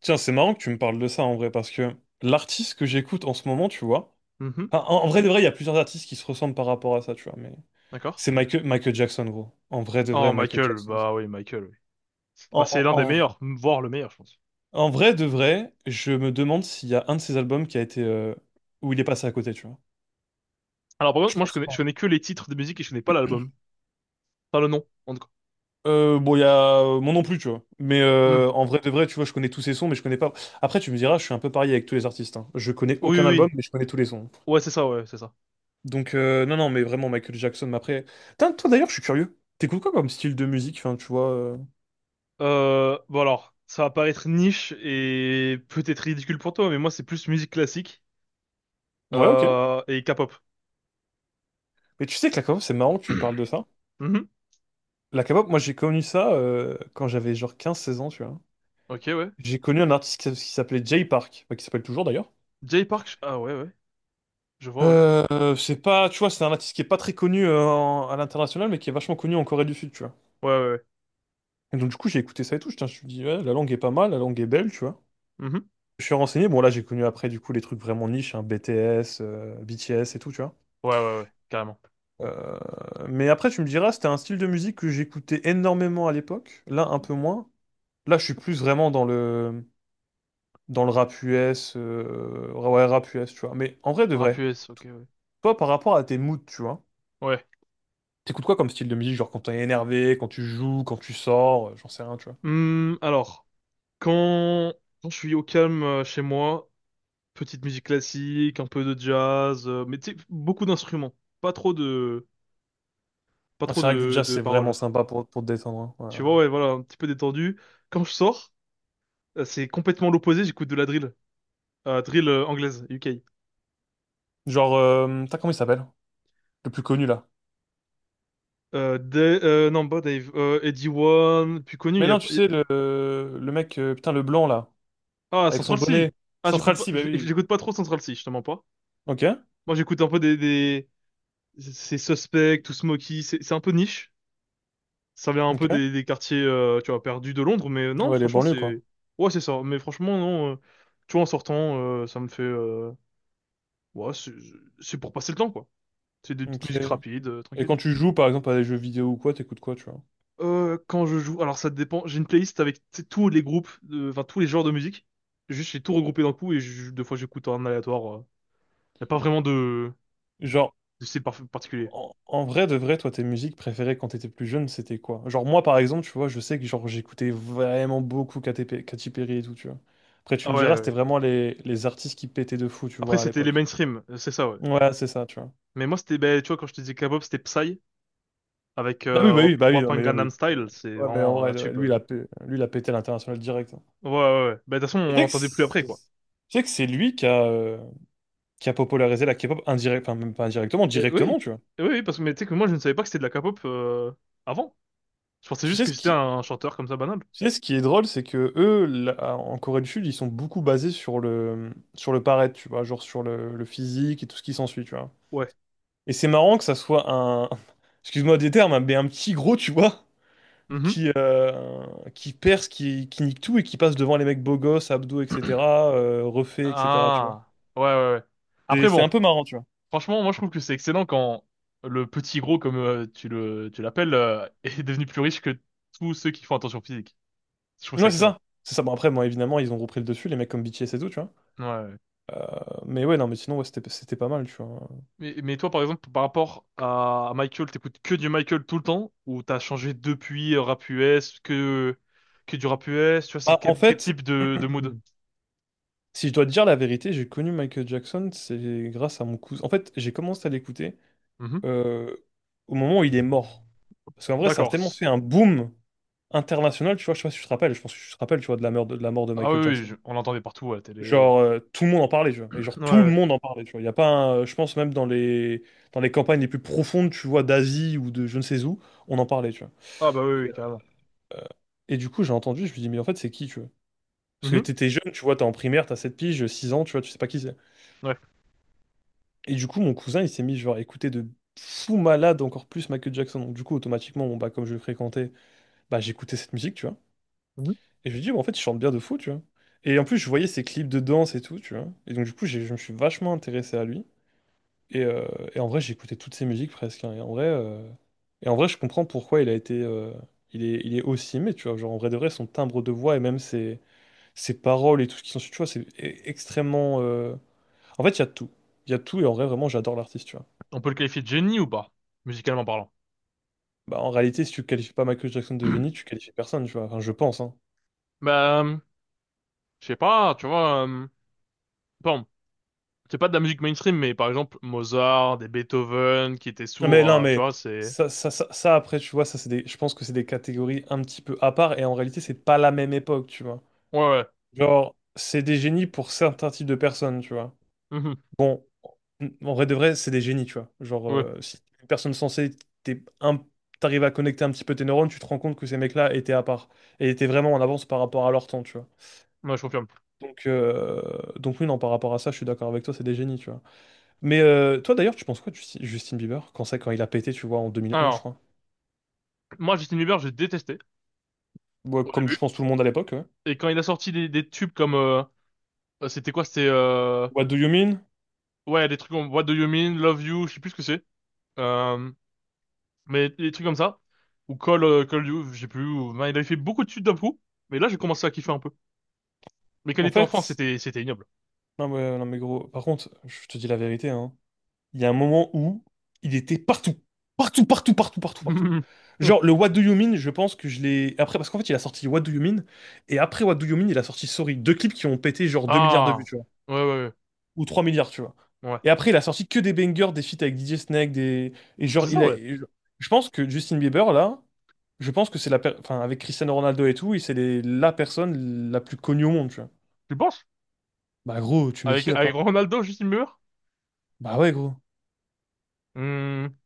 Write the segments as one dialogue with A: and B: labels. A: Tiens, c'est marrant que tu me parles de ça en vrai, parce que l'artiste que j'écoute en ce moment, tu vois,
B: Mhm,
A: enfin, en vrai de vrai, il y a plusieurs artistes qui se ressemblent par rapport à ça, tu vois, mais
B: d'accord.
A: c'est Michael Jackson, gros. En vrai de vrai,
B: Oh,
A: Michael
B: Michael,
A: Jackson.
B: bah oui, Michael, oui. Bah,
A: En,
B: c'est l'un des
A: en,
B: meilleurs, voire le meilleur, je pense.
A: en vrai de vrai, je me demande s'il y a un de ses albums qui a été où il est passé à côté, tu vois.
B: Alors, par contre,
A: Je
B: moi,
A: pense
B: je
A: pas, hein.
B: connais que les titres de musique et je connais pas l'album. Pas le nom, en tout cas.
A: Bon, il y a moi non plus, tu vois. Mais
B: Hmm.
A: en vrai de vrai, tu vois, je connais tous ses sons, mais je connais pas. Après, tu me diras, je suis un peu pareil avec tous les artistes, hein. Je connais
B: Oui,
A: aucun
B: oui,
A: album,
B: oui.
A: mais je connais tous les sons.
B: Ouais, c'est ça, ouais, c'est ça.
A: Donc, non, non, mais vraiment, Michael Jackson, mais après... Putain, toi, d'ailleurs, je suis curieux. T'écoutes quoi comme style de musique, enfin, tu vois...
B: Bon, alors, ça va paraître niche et peut-être ridicule pour toi, mais moi, c'est plus musique classique
A: Ouais, ok.
B: et K-pop.
A: Mais tu sais que la K-pop, c'est marrant que tu me parles de ça.
B: Mhm.
A: La K-pop, moi, j'ai connu ça quand j'avais genre 15 16 ans, tu vois.
B: Ok, ouais.
A: J'ai connu un artiste qui, qui s'appelait Jay Park, enfin, qui s'appelle toujours, d'ailleurs.
B: Ah ouais, ouais. Je vois, ouais.
A: C'est pas... Tu vois, c'est un artiste qui est pas très connu à l'international, mais qui est vachement connu en Corée du Sud, tu vois.
B: Ouais, ouais, ouais.
A: Et donc, du coup, j'ai écouté ça et tout. Je me suis dit, ouais, la langue est pas mal, la langue est belle, tu vois.
B: Mhm.
A: Je suis renseigné. Bon, là, j'ai connu après, du coup, les trucs vraiment niches, hein, BTS et tout, tu vois.
B: Ouais, ouais, ouais, carrément.
A: Euh, mais après, tu me diras, c'était un style de musique que j'écoutais énormément à l'époque. Là, un peu moins. Là, je suis plus vraiment dans dans le rap US. Ouais, rap US, tu vois. Mais en vrai, de
B: Rap
A: vrai,
B: US, ok, ouais.
A: toi, par rapport à tes moods, tu vois,
B: Ouais.
A: t'écoutes quoi comme style de musique? Genre quand t'es énervé, quand tu joues, quand tu sors, j'en sais rien, tu vois.
B: Hmm, alors. Quand, Quand je suis au calme chez moi, petite musique classique, un peu de jazz, mais tu sais, beaucoup d'instruments, pas trop de, pas
A: Ah,
B: trop
A: c'est vrai que du jazz,
B: de
A: c'est vraiment
B: paroles.
A: sympa pour te détendre, hein. Ouais,
B: Tu
A: ouais.
B: vois, ouais, voilà, un petit peu détendu. Quand je sors, c'est complètement l'opposé, j'écoute de la drill. Anglaise, UK.
A: Genre, t'as comment il s'appelle? Le plus connu, là.
B: Non, pas Dave, Eddie One, plus connu,
A: Mais non, tu
B: il y a-
A: sais, le mec, putain, le blanc, là,
B: ah,
A: avec son
B: Central C.
A: bonnet.
B: Ah,
A: Central C, bah oui.
B: j'écoute pas trop Central C, je te mens pas.
A: Ok,
B: Moi, j'écoute un peu c'est Suspect, Too Smoky, c'est un peu niche. Ça vient un peu
A: ok.
B: des quartiers, tu vois, perdus de Londres, mais non,
A: Ouais, les
B: franchement,
A: banlieues, quoi.
B: c'est... Ouais, c'est ça. Mais franchement, non, tu vois, en sortant, ça me fait... Ouais, c'est c'est pour passer le temps, quoi. C'est des petites
A: Ok.
B: musiques rapides,
A: Et quand
B: tranquilles.
A: tu joues, par exemple, à des jeux vidéo ou quoi, t'écoutes quoi, tu vois?
B: Quand je joue... Alors, ça dépend. J'ai une playlist avec tu sais, tous les groupes, de- enfin, tous les genres de musique. Juste, j'ai tout regroupé d'un coup deux fois, j'écoute en aléatoire. Y a pas vraiment
A: Genre,
B: de particulier.
A: en vrai de vrai, toi, tes musiques préférées quand t'étais plus jeune, c'était quoi? Genre, moi, par exemple, tu vois, je sais que genre j'écoutais vraiment beaucoup KTP, Katy Perry et tout, tu vois. Après, tu
B: Ah
A: me
B: ouais,
A: diras, c'était
B: ouais.
A: vraiment les artistes qui pétaient de fou, tu
B: Après,
A: vois, à
B: c'était les
A: l'époque.
B: mainstream, c'est ça, ouais.
A: Ouais, c'est ça, tu vois.
B: Mais moi, c'était... ben, tu vois, quand je te disais K-pop, c'était Psy, avec
A: Bah oui, bah oui, bah oui, non,
B: Wapan
A: mais
B: Gangnam
A: oui, oui.
B: Style, c'est
A: Ouais, mais en
B: vraiment
A: vrai,
B: un
A: de vrai,
B: tube.
A: lui, il a, lui, il a pété à l'international direct, hein.
B: Ouais, ouais, ouais. Bah, de toute façon,
A: Et
B: on
A: Tu sais que
B: l'entendait plus après,
A: c'est
B: quoi.
A: tu sais que c'est lui qui a popularisé la K-pop indirect, enfin, même pas indirectement,
B: Et
A: directement,
B: oui,
A: tu vois.
B: oui, oui, parce que mais tu sais que moi, je ne savais pas que c'était de la K-pop avant. Je pensais
A: Tu
B: juste
A: sais
B: que
A: ce
B: c'était
A: qui,
B: un chanteur comme ça banal.
A: tu sais ce qui est drôle, c'est que eux, là, en Corée du Sud, ils sont beaucoup basés sur sur le paraître, tu vois, genre sur le physique et tout ce qui s'ensuit, tu vois.
B: Ouais.
A: Et c'est marrant que ça soit un, excuse-moi des termes, hein, mais un petit gros, tu vois,
B: Mhm.
A: qui, euh, qui perce, qui nique tout et qui passe devant les mecs beaux gosses, abdos, etc., refait, etc., tu vois.
B: Ah, ouais, ouais, ouais.
A: C'est
B: Après,
A: c'est un
B: bon,
A: peu marrant, tu vois.
B: franchement, moi, je trouve que c'est excellent quand le petit gros, comme tu tu l'appelles, est devenu plus riche que tous ceux qui font attention physique. Je trouve ça
A: Ouais, c'est
B: excellent.
A: ça. C'est ça. Bon, après, bon, évidemment, ils ont repris le dessus, les mecs comme BTS et tout, tu vois.
B: Ouais.
A: Mais ouais, non, mais sinon, ouais, c'était pas mal, tu vois.
B: Mais toi, par exemple, par rapport à Michael, t'écoutes que du Michael tout le temps, ou t'as changé depuis que du rap US, tu vois, c'est
A: Bah, en
B: quel
A: fait.
B: type de mood?
A: Si je dois te dire la vérité, j'ai connu Michael Jackson, c'est grâce à mon cousin. En fait, j'ai commencé à l'écouter
B: Mhm.
A: euh, au moment où il est mort. Parce qu'en vrai, ça a
B: D'accord.
A: tellement fait un boom international, tu vois, je sais pas si tu te rappelles, je pense que tu te rappelles, tu vois, de la mort de la mort de
B: Ah oui,
A: Michael Jackson.
B: on l'entendait partout à la télé.
A: Genre, tout le monde en parlait, tu vois,
B: Ouais,
A: et genre, tout le
B: ouais.
A: monde en parlait, tu vois. Il y a pas je pense même dans dans les campagnes les plus profondes, tu vois, d'Asie ou de je ne sais où, on en parlait, tu vois.
B: Ah bah oui,
A: Et,
B: oui, carrément.
A: et du coup, j'ai entendu, je me dis, mais en fait, c'est qui, tu vois? Parce que
B: Mhm.
A: t'étais jeune, tu vois, t'es en primaire, t'as 7 piges, 6 ans, tu vois, tu sais pas qui c'est.
B: Ouais.
A: Et du coup, mon cousin, il s'est mis genre à écouter de fou malade encore plus Michael Jackson. Donc du coup, automatiquement, bon, bah, comme je le fréquentais, bah, j'écoutais cette musique, tu vois.
B: Mhm.
A: Et je lui dis, bah, en fait, il chante bien de fou, tu vois. Et en plus, je voyais ses clips de danse et tout, tu vois. Et donc du coup, je me suis vachement intéressé à lui. Et, euh, et en vrai, j'écoutais toutes ses musiques presque, hein. Et en vrai, je comprends pourquoi il a été, il est aussi aimé, tu vois. Genre en vrai de vrai, son timbre de voix et même ses paroles et tout ce qui s'ensuit, tu vois, c'est extrêmement. En fait, il y a tout. Il y a tout et en vrai, vraiment, j'adore l'artiste, tu vois.
B: On peut le qualifier de génie ou pas, musicalement parlant?
A: Bah, en réalité, si tu qualifies pas Michael Jackson de génie, tu qualifies personne, tu vois. Enfin, je pense, hein.
B: Bah, je sais pas, tu vois, bon, c'est pas de la musique mainstream, mais par exemple, Mozart, des Beethoven qui étaient
A: Mais
B: sourds,
A: non,
B: tu
A: mais
B: vois, c'est...
A: après, tu vois, ça, c'est des... je pense que c'est des catégories un petit peu à part, et en réalité, c'est pas la même époque, tu vois.
B: Ouais, ouais.
A: Genre, c'est des génies pour certains types de personnes, tu vois.
B: Mhm.
A: Bon, en vrai de vrai, c'est des génies, tu vois. Genre,
B: Ouais,
A: si t'es une personne censée, t'es un... t'arrives à connecter un petit peu tes neurones, tu te rends compte que ces mecs-là étaient à part, et étaient vraiment en avance par rapport à leur temps, tu vois.
B: ouais, je confirme.
A: Donc, euh, donc oui, non, par rapport à ça, je suis d'accord avec toi, c'est des génies, tu vois. Mais toi d'ailleurs, tu penses quoi de Justin Bieber? Quand c'est quand il a pété, tu vois, en 2011, je
B: Alors,
A: crois.
B: moi, Justin Bieber, j'ai détesté
A: Ouais,
B: au
A: comme
B: début.
A: je pense tout le monde à l'époque, ouais.
B: Et quand il a sorti des tubes comme... c'était quoi? C'était...
A: What do you mean?
B: ouais, des trucs comme What Do You Mean, Love You, je sais plus ce que c'est. Euh, mais des trucs comme ça. Ou Call You, je sais plus. Ben, il avait fait beaucoup de tubes d'un coup. Mais là, j'ai commencé à kiffer un peu. Mais quand il
A: En
B: était enfant,
A: fait,
B: c'était ignoble.
A: non mais gros, par contre, je te dis la vérité, hein. Il y a un moment où il était partout. Partout, partout, partout, partout, partout. Genre, le What do you mean, je pense que je l'ai... Après, parce qu'en fait, il a sorti What do you mean, et après What do you mean, il a sorti Sorry. Deux clips qui ont pété genre 2 milliards de vues,
B: Ah!
A: tu vois.
B: Ouais, ouais,
A: Ou 3 milliards, tu vois.
B: ouais. Ouais.
A: Et après, il a sorti que des bangers, des feats avec DJ Snake, des... Et genre,
B: C'est ça,
A: il a...
B: ouais.
A: je pense que Justin Bieber, là... Je pense que c'est la enfin, avec Cristiano Ronaldo et tout, il c'est la personne la plus connue au monde, tu vois.
B: Tu penses?
A: Bah gros, tu mets
B: Avec,
A: qui à
B: avec
A: part?
B: Ronaldo, Justin Bieber?
A: Bah ouais gros.
B: Hmm.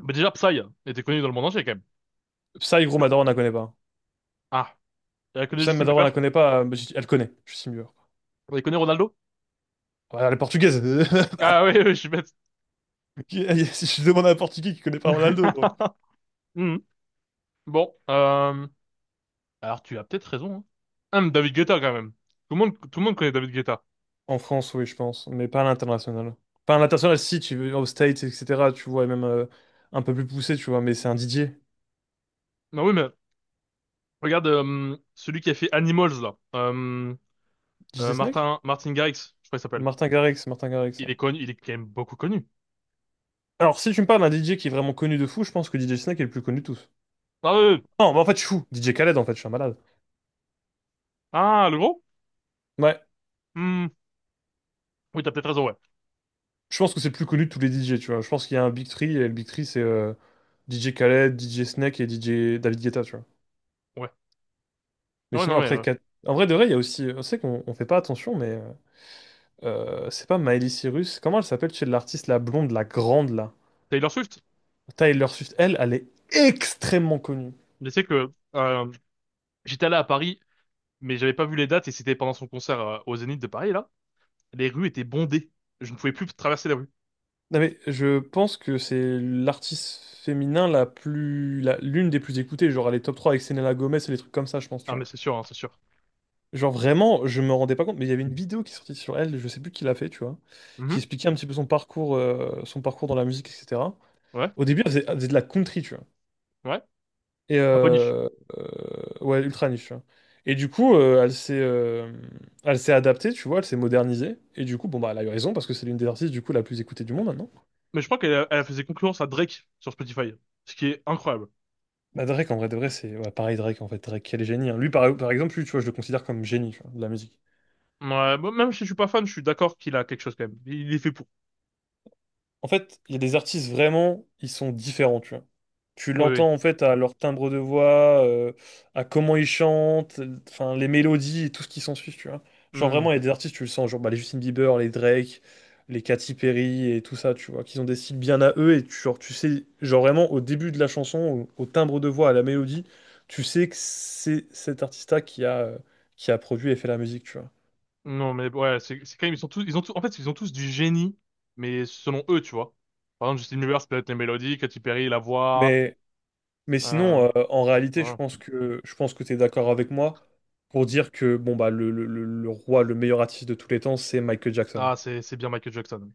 B: Mais déjà, Psy était connu dans le monde entier, quand même.
A: Psy gros, ma on la connaît pas.
B: Ah, elle connaît
A: Psy,
B: Justin
A: ma on la
B: Bieber?
A: connaît pas, elle connaît, Justin Bieber.
B: Elle connaît Ronaldo?
A: Ouais, elle est portugaise.
B: Ah oui, oui, je suis bête.
A: Je demande à un portugais qui connaît pas Ronaldo, gros.
B: Hmm. Bon, alors tu as peut-être raison. Hein. David Guetta quand même. Tout le monde connaît David Guetta.
A: En France, oui, je pense, mais pas à l'international. Pas à l'international, si, tu veux, aux States, etc., tu vois, et même un peu plus poussé, tu vois, mais c'est un Didier.
B: Non oui, mais regarde celui qui a fait Animals là.
A: Didier Snack?
B: Martin Garrix, je crois qu'il s'appelle.
A: Martin Garrix,
B: Il
A: ouais.
B: est connu, il est quand même beaucoup connu.
A: Alors, si tu me parles d'un DJ qui est vraiment connu de fou, je pense que DJ Snack est le plus connu de tous.
B: Ah oui, oui.
A: Non, mais en fait, je suis fou. DJ Khaled, en fait, je suis un malade.
B: Ah le gros?
A: Ouais,
B: Hmm. Oui, t'as peut-être raison, ouais.
A: je pense que c'est le plus connu de tous les DJ, tu vois. Je pense qu'il y a un Big Three, et le Big Three, c'est DJ Khaled, DJ Snake et DJ David Guetta, tu vois.
B: Ouais.
A: Mais
B: Ah Ouais,
A: sinon,
B: non mais
A: après, en vrai de vrai, il y a aussi. On sait qu'on on fait pas attention, mais c'est pas Miley Cyrus. Comment elle s'appelle chez l'artiste, la blonde, la grande, là?
B: Taylor Swift.
A: Tyler Swift, elle, elle est extrêmement connue.
B: Mais c'est que j'étais allé à Paris, mais j'avais pas vu les dates et c'était pendant son concert au Zénith de Paris là. Les rues étaient bondées. Je ne pouvais plus traverser les rues.
A: Non, mais je pense que c'est l'artiste féminin la plus. L'une des plus écoutées. Genre, elle est top 3 avec Selena Gomez et les trucs comme ça, je pense, tu
B: Ah, mais
A: vois.
B: c'est sûr, hein, c'est sûr.
A: Genre vraiment, je me rendais pas compte, mais il y avait une vidéo qui est sortie sur elle, je sais plus qui l'a fait, tu vois, qui
B: Mhm.
A: expliquait un petit peu son parcours dans la musique, etc.
B: Ouais,
A: Au début, elle faisait de la country, tu vois.
B: ouais.
A: Et
B: Un peu niche.
A: euh, ouais, ultra niche, tu vois. Et du coup, elle s'est adaptée, tu vois, elle s'est modernisée. Et du coup, bon, bah, elle a eu raison parce que c'est l'une des artistes, du coup, la plus écoutée du monde maintenant.
B: Mais je crois qu'elle a- elle faisait concurrence à Drake sur Spotify, ce qui est incroyable.
A: Bah, Drake, en vrai, de vrai, c'est ouais, pareil, Drake, en fait. Drake, quel génie, hein. Lui, par exemple, lui, tu vois, je le considère comme génie, tu vois, de la musique.
B: Ouais, bon, même si je suis pas fan, je suis d'accord qu'il a quelque chose quand même. Il est fait pour.
A: En fait, il y a des artistes vraiment, ils sont différents, tu vois. Tu
B: Oui, oui.
A: l'entends en fait à leur timbre de voix, à comment ils chantent, enfin les mélodies et tout ce qui s'ensuit, tu vois. Genre
B: Hmm.
A: vraiment, il y a des artistes, tu le sens, genre bah, les Justin Bieber, les Drake, les Katy Perry et tout ça, tu vois, qu'ils ont des styles bien à eux et tu, genre, tu sais, genre vraiment au début de la chanson, au timbre de voix, à la mélodie, tu sais que c'est cet artiste-là qui a produit et fait la musique, tu vois.
B: Non, mais ouais, c'est quand même ils ont tous en fait ils ont tous du génie, mais selon eux, tu vois. Par exemple, Justin Bieber, c'est peut-être les mélodies, Katy Perry, la voix.
A: Mais Mais sinon,
B: Euh,
A: en réalité,
B: voilà.
A: je pense que tu es d'accord avec moi pour dire que bon bah le roi, le meilleur artiste de tous les temps, c'est Michael Jackson.
B: Ah, c'est bien Michael Jackson.